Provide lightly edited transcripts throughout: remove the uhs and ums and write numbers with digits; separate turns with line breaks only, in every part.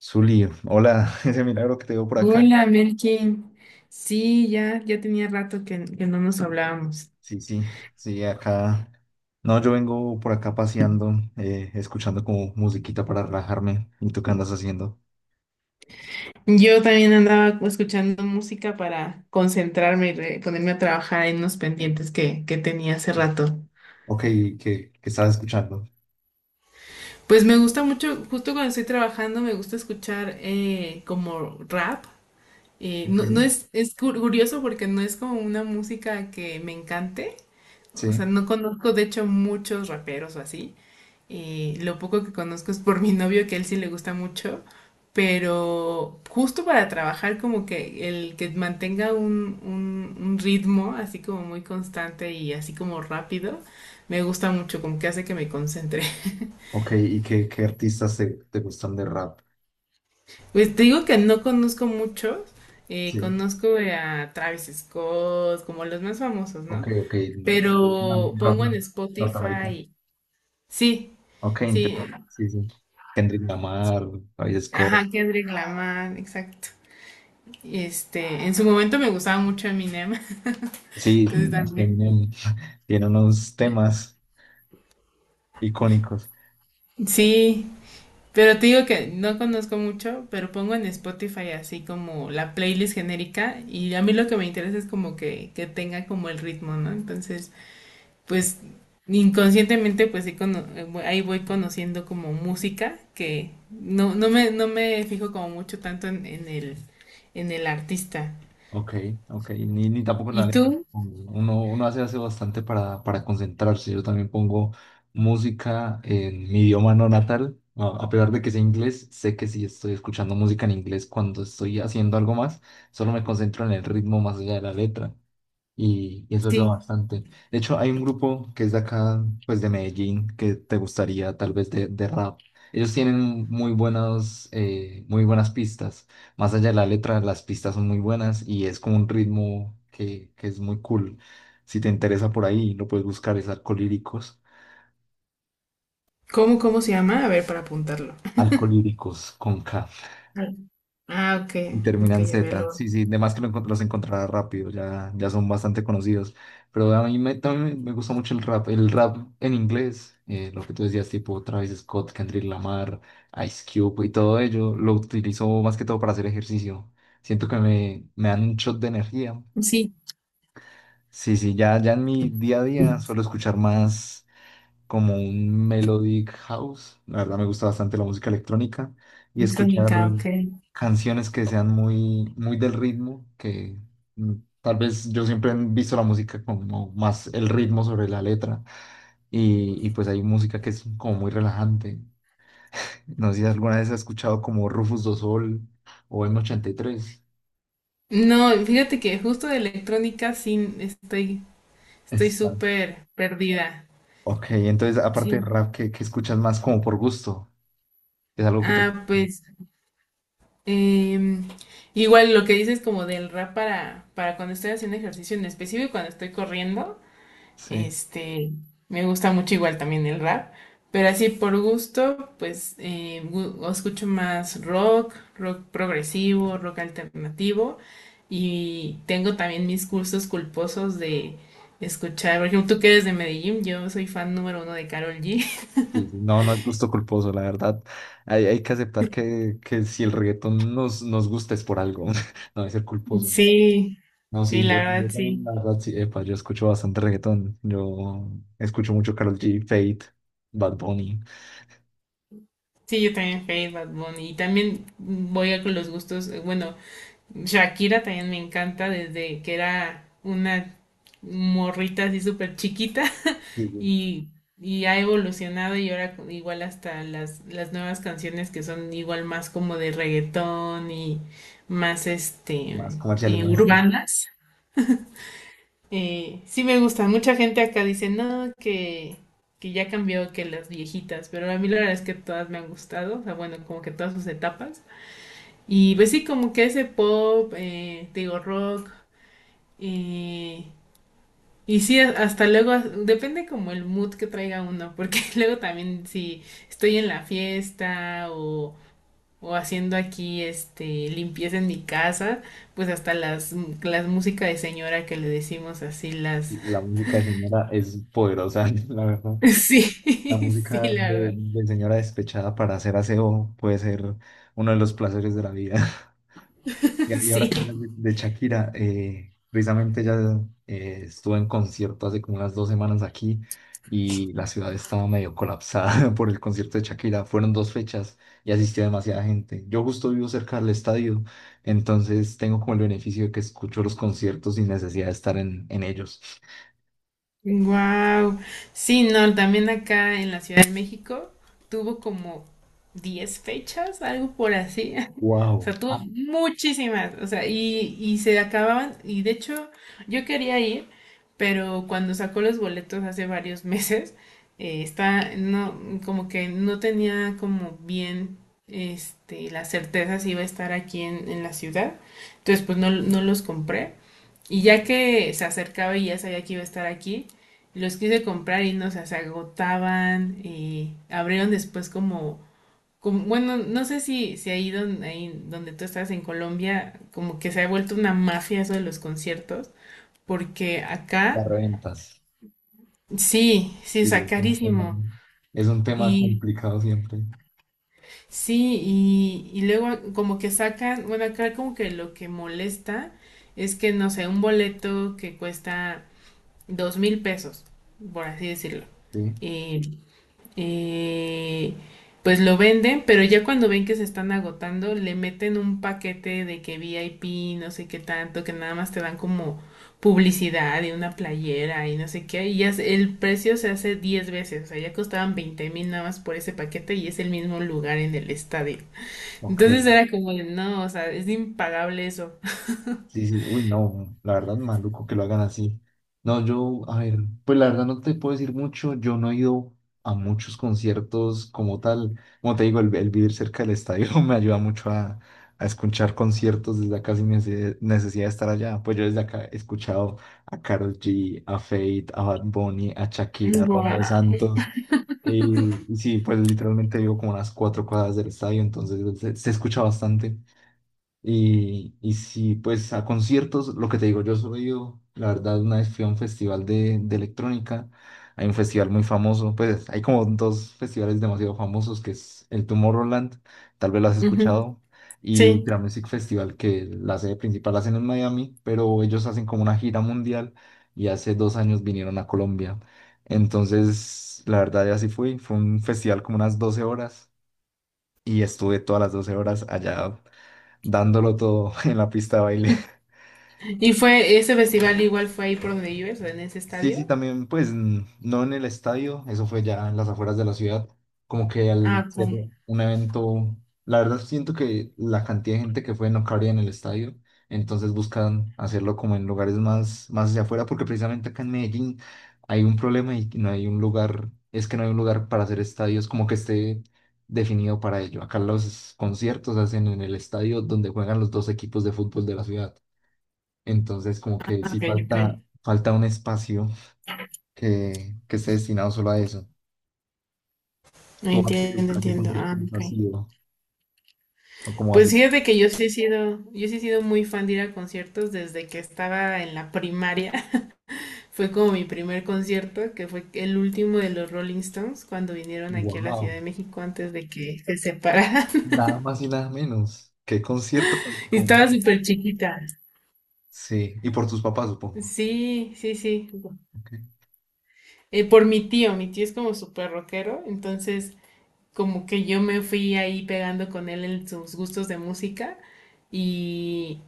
Zuli, hola, ese milagro que te veo por acá.
Hola, Melkin. Sí, ya tenía rato que no nos hablábamos.
Sí, sí, sí, acá. No, yo vengo por acá paseando, escuchando como musiquita para relajarme. ¿Y tú qué andas haciendo?
Yo también andaba escuchando música para concentrarme y ponerme a trabajar en unos pendientes que tenía hace rato.
Ok, ¿qué estás escuchando?
Pues me gusta mucho, justo cuando estoy trabajando, me gusta escuchar como rap. Eh, no, no
Ok.
es, es cur- curioso porque no es como una música que me encante. O sea,
Sí,
no conozco de hecho muchos raperos o así. Lo poco que conozco es por mi novio, que a él sí le gusta mucho, pero justo para trabajar como que el que mantenga un ritmo así como muy constante y así como rápido, me gusta mucho, como que hace que me concentre.
ok, ¿y qué artistas te gustan de rap?
Pues te digo que no conozco muchos,
Sí,
conozco a Travis Scott, como los más famosos,
ok,
¿no?
ok, tal vez
Pero
rap
pongo en
no- norteamericano.
Spotify, sí,
Ok,
sí,
entiendo. Sí, sí. Kendrick Lamar, Travis Scott.
ajá, Kendrick Lamar, exacto. Este, en su momento me gustaba mucho Eminem,
Sí,
entonces también.
Eminem, tiene unos temas icónicos.
Sí, pero te digo que no conozco mucho, pero pongo en Spotify así como la playlist genérica y a mí lo que me interesa es como que tenga como el ritmo, ¿no? Entonces, pues inconscientemente pues sí ahí voy conociendo como música que no me fijo como mucho tanto en el artista.
Ok, ok, ni tampoco la
¿Y
letra.
tú?
Uno hace bastante para concentrarse. Yo también pongo música en mi idioma no natal. A pesar de que sea inglés, sé que si estoy escuchando música en inglés cuando estoy haciendo algo más, solo me concentro en el ritmo más allá de la letra y eso ayuda
Sí.
bastante. De hecho, hay un grupo que es de acá, pues de Medellín, que te gustaría tal vez de rap. Ellos tienen muy buenas pistas. Más allá de la letra, las pistas son muy buenas y es como un ritmo que es muy cool. Si te interesa por ahí, lo puedes buscar, es Alcolíricos.
¿Cómo, cómo se llama? A ver, para apuntarlo.
Alcolíricos con K.
Ah, ok,
Y
ok,
terminan
ya veo.
Z, sí, sí, además que lo los encontrará rápido, ya son bastante conocidos. Pero a mí me, también me gusta mucho el rap en inglés, lo que tú decías, tipo Travis Scott, Kendrick Lamar, Ice Cube y todo ello, lo utilizo más que todo para hacer ejercicio. Siento que me dan un shot de energía.
Sí,
Sí, sí, ya en mi día a día suelo escuchar más como un melodic house. La verdad me gusta bastante la música electrónica y escuchar
electrónica, ok.
canciones que sean muy del ritmo, que mm, tal vez yo siempre he visto la música como más el ritmo sobre la letra y pues hay música que es como muy relajante. No sé si alguna vez has escuchado como Rufus do Sol o M83.
No, fíjate que justo de electrónica sí estoy
Está.
súper perdida.
Ok, entonces aparte de
Sí.
rap, ¿qué escuchas más como por gusto? ¿Es algo que te...
Ah, pues em, igual lo que dices como del rap para cuando estoy haciendo ejercicio en específico, y cuando estoy corriendo.
Sí.
Este, me gusta mucho igual también el rap, pero así por gusto, pues escucho más rock, rock progresivo, rock alternativo y tengo también mis cursos culposos de escuchar, por ejemplo, tú que eres de Medellín, yo soy fan número uno de Karol G.
Sí, sí, no, no es gusto culposo, la verdad. Hay que aceptar que si el reggaetón nos, nos gusta es por algo, no es ser culposo.
Sí,
No,
sí,
sí, yo,
la verdad
yo también,
sí.
la verdad, sí, epa, yo escucho bastante reggaetón. Yo escucho mucho Karol G, Fate, Bad Bunny.
Sí, yo también Fade, Bad Bunny y también voy a con los gustos, bueno. Shakira también me encanta desde que era una morrita así súper chiquita.
Sí, sí,
y, y ha evolucionado y ahora igual hasta las nuevas canciones que son igual más como de reggaetón y más
más comerciales, más estrictos.
urbanas. Sí me gusta, mucha gente acá dice no, que ya cambió que las viejitas, pero a mí la verdad es que todas me han gustado, o sea, bueno, como que todas sus etapas. Y pues sí, como que ese pop, te digo rock, y, y sí, depende como el mood que traiga uno, porque luego también si estoy en la fiesta o haciendo aquí este limpieza en mi casa, pues hasta las música de señora que le decimos así, las...
La música de señora es poderosa, la verdad.
Sí,
La
sí,
música
la
de,
verdad.
de señora despechada para hacer aseo puede ser uno de los placeres de la vida. Y ahora
Sí.
que hablas de Shakira, precisamente ella estuvo en concierto hace como unas dos semanas aquí y la ciudad estaba medio colapsada por el concierto de Shakira. Fueron dos fechas y asistió demasiada gente. Yo justo vivo cerca del estadio, entonces tengo como el beneficio de que escucho los conciertos sin necesidad de estar en ellos.
Wow. Sí, no, también acá en la Ciudad de México tuvo como 10 fechas, algo por así. O sea,
Wow.
tuvo
Ah,
muchísimas. O sea, y se acababan. Y de hecho, yo quería ir, pero cuando sacó los boletos hace varios meses, está, no, como que no tenía como bien, este, la certeza si iba a estar aquí en la ciudad. Entonces, pues no, no los compré. Y ya que se acercaba y ya sabía que iba a estar aquí, los quise comprar y no, o sea, se agotaban y abrieron después como bueno, no sé si, si ahí, donde, ahí donde tú estás en Colombia, como que se ha vuelto una mafia eso de los conciertos, porque
las
acá
reventas.
sí, sí,
Sí,
está carísimo.
es un tema
Y
complicado siempre.
sí, y luego como que sacan, bueno, acá como que lo que molesta es que, no sé, un boleto que cuesta 2.000 pesos, por así decirlo.
Sí,
Y, y, pues lo venden, pero ya cuando ven que se están agotando, le meten un paquete de que VIP, no sé qué tanto, que nada más te dan como publicidad y una playera y no sé qué, y ya el precio se hace 10 veces, o sea, ya costaban 20.000 nada más por ese paquete y es el mismo lugar en el estadio. Entonces
ok.
era como, de, no, o sea, es impagable eso.
Sí, sí, uy, no, la verdad, maluco que lo hagan así. No, yo, a ver, pues la verdad no te puedo decir mucho, yo no he ido a muchos conciertos como tal. Como te digo, el vivir cerca del estadio me ayuda mucho a escuchar conciertos desde acá sin necesidad de estar allá. Pues yo desde acá he escuchado a Karol G, a Fate, a Bad Bunny, a Shakira, a Romeo
Guau.
Santos. Y sí, pues literalmente vivo como a unas cuatro cuadras del estadio, entonces se escucha bastante. Y sí, pues a conciertos, lo que te digo, yo soy, yo, la verdad, una vez fui a un festival de electrónica, hay un festival muy famoso, pues hay como dos festivales demasiado famosos, que es el Tomorrowland, tal vez lo has
Ujú.
escuchado, y
Sí.
Ultra Music Festival, que la sede principal la hacen en Miami, pero ellos hacen como una gira mundial y hace dos años vinieron a Colombia. Entonces, la verdad, ya así fui, fue un festival como unas 12 horas y estuve todas las 12 horas allá dándolo todo en la pista de baile.
¿Y fue ese festival igual fue ahí por donde vives, en ese
Sí, sí,
estadio?
también, pues no en el estadio, eso fue ya en las afueras de la ciudad, como que al
Ah,
ser
ok,
un evento, la verdad siento que la cantidad de gente que fue no cabría en el estadio, entonces buscan hacerlo como en lugares más, más hacia afuera, porque precisamente acá en Medellín hay un problema y no hay un lugar, es que no hay un lugar para hacer estadios como que esté definido para ello. Acá los conciertos se hacen en el estadio donde juegan los dos equipos de fútbol de la ciudad. Entonces, como que sí
ok, ok.
falta, falta un espacio que esté destinado solo a eso. ¿Tú a
Entiendo,
a qué
entiendo. Ah,
conciertos
ok.
has ido? O como así,
Pues fíjate que yo sí he sido muy fan de ir a conciertos desde que estaba en la primaria. Fue como mi primer concierto, que fue el último de los Rolling Stones, cuando vinieron aquí a la Ciudad
wow,
de México antes de que se separaran.
nada más y nada menos. ¿Qué concierto? Tan-
Y estaba
como-
súper chiquita.
Sí, y por tus papás, supongo.
Sí, sí, sí.
Ok,
Por mi tío es como súper rockero, entonces como que yo me fui ahí pegando con él en sus gustos de música y,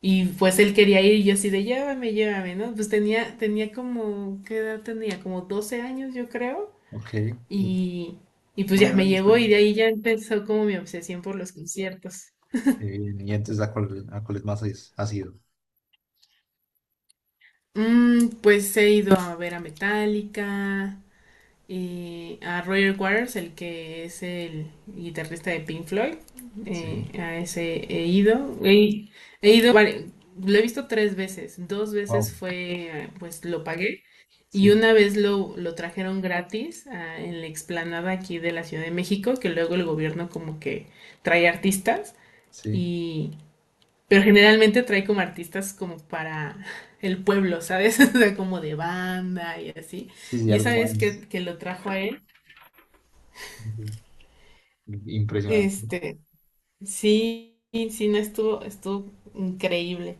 y pues él quería ir y yo así de llévame, llévame, ¿no? Pues tenía como, ¿qué edad tenía? Como 12 años yo creo
ok.
y, y pues
Una
ya me
gran
llevó y de
experiencia.
ahí ya empezó como mi obsesión por los conciertos.
Qué bien, ¿Y entonces a cuál, a cuáles más has ido?
Mm, pues he ido a ver a Metallica, a Roger Waters, el que es el guitarrista de Pink Floyd.
Sí,
A ese he ido. He ido, lo he visto tres veces. Dos
wow,
veces fue, pues lo pagué. Y
sí,
una vez lo trajeron gratis ah, en la explanada aquí de la Ciudad de México, que luego el gobierno como que trae artistas
sí,
y... Pero generalmente trae como artistas como para el pueblo, ¿sabes? O sea, como de banda y así.
sí, sí,
Y esa
algo
vez
más
que lo trajo a él,
sí, impresionante.
este, sí, sí, no estuvo, estuvo increíble.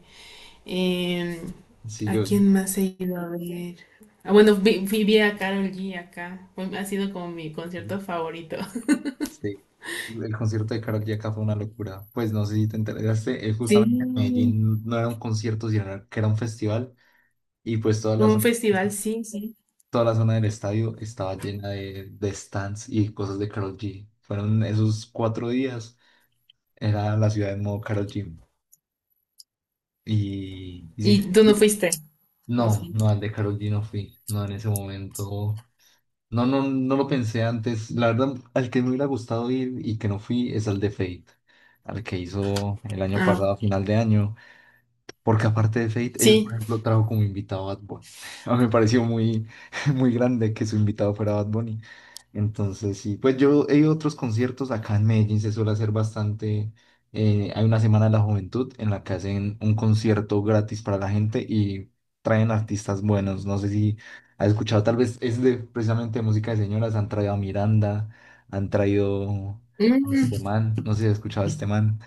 Em,
Sí,
¿A
yo.
quién más he ido a ver? Ah, bueno, vi a Karol G acá. Ha sido como mi concierto favorito.
Sí, el concierto de Karol G acá fue una locura. Pues no sé si te enteraste, justamente en
Sí.
Medellín no era un concierto, sino que era un festival y pues toda la,
Un festival, sí, sí.
toda la zona del estadio estaba llena de stands y cosas de Karol G. Fueron esos cuatro días, era la ciudad en modo Karol G. Y, y sí,
¿Y tú
yo-
no fuiste? ¿O
no,
sí?
no, al de Karol G no fui, no en ese momento. No, no, no lo pensé antes. La verdad, al que me hubiera gustado ir y que no fui es al de Fate, al que hizo el año
Ah,
pasado, a final de año, porque aparte de Fate, él, por
sí.
ejemplo, trajo como invitado a Bad Bunny. A mí me pareció muy, muy grande que su invitado fuera Bad Bunny. Entonces, sí, pues yo he ido a otros conciertos acá en Medellín, se suele hacer bastante. Hay una Semana de la Juventud en la que hacen un concierto gratis para la gente y traen artistas buenos. No sé si has escuchado, tal vez es de precisamente de música de señoras. Han traído a Miranda, han traído a este
Mm,
man, no sé si has escuchado a este man.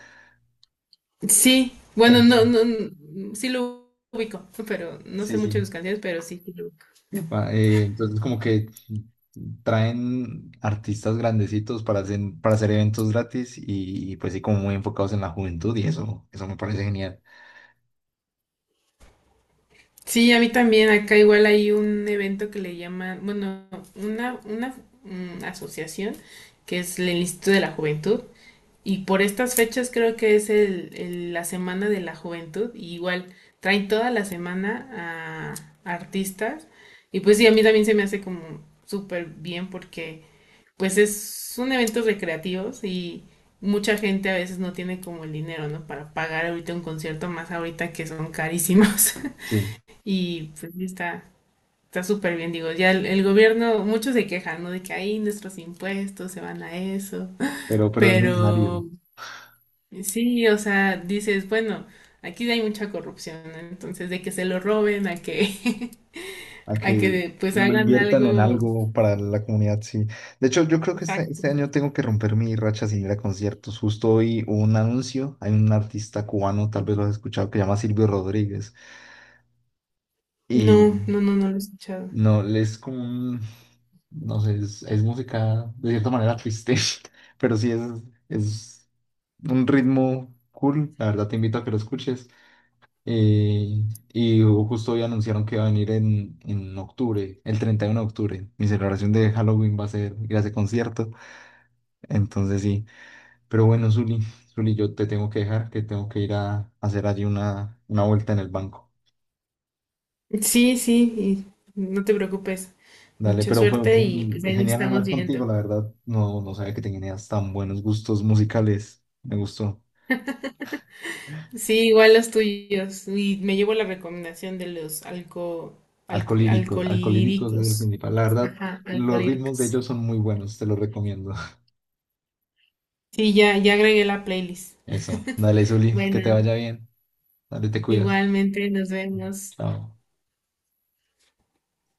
sí.
Eh,
Bueno, no, no, mm, sí lo ubico, pero no
sí,
sé mucho de
sí.
sus canciones, pero sí, sí lo ubico.
Epa, entonces como que traen artistas grandecitos para hacer eventos gratis y pues sí como muy enfocados en la juventud y eso me parece genial.
Sí, a mí también. Acá igual hay un evento que le llaman, bueno, una asociación que es el Instituto de la Juventud. Y por estas fechas creo que es la Semana de la Juventud. Y igual traen toda la semana a artistas. Y pues sí, a mí también se me hace como súper bien porque pues es, son eventos recreativos y mucha gente a veces no tiene como el dinero, ¿no? Para pagar ahorita un concierto, más ahorita que son carísimos.
Sí,
Y pues sí está, está súper bien, digo, ya el gobierno, muchos se quejan, ¿no? De que ahí nuestros impuestos se van a eso.
pero es necesario
Pero sí, o sea, dices, bueno, aquí hay mucha corrupción, ¿no? Entonces, de que se lo roben, a que,
a
a
que
que pues
lo
hagan
inviertan en
algo
algo para la comunidad, sí. De hecho, yo creo que este,
exacto.
este año tengo que romper mi racha sin ir a conciertos. Justo hoy hubo un anuncio, hay un artista cubano, tal vez lo has escuchado, que se llama Silvio Rodríguez.
No,
Y
no, no, no lo he escuchado.
no, es como un, no sé, es música de cierta manera triste, pero sí es un ritmo cool. La verdad te invito a que lo escuches. Eh, y justo hoy anunciaron que va a venir en octubre, el 31 de octubre. Mi celebración de Halloween va a ser ir a ese concierto. Entonces sí, pero bueno, Zuli, Zuli, yo te tengo que dejar, que tengo que ir a, hacer allí una vuelta en el banco.
Sí, sí, y no te preocupes.
Dale,
Mucha
pero fue,
suerte y pues ahí nos
genial
estamos
hablar
viendo.
contigo, la verdad. No, no sabía que tenías tan buenos gustos musicales. Me gustó.
Sí, igual los tuyos. Y me llevo la recomendación de los alco,
Alcolíricos, Alcolíricos es el
alcolíricos.
principal. La verdad,
Ajá,
los ritmos de
alcolíricos.
ellos son muy buenos, te los recomiendo.
Sí, ya, ya agregué la playlist.
Eso, dale, Zuli, que te
Bueno,
vaya bien. Dale, te cuidas.
igualmente nos vemos.
Chao.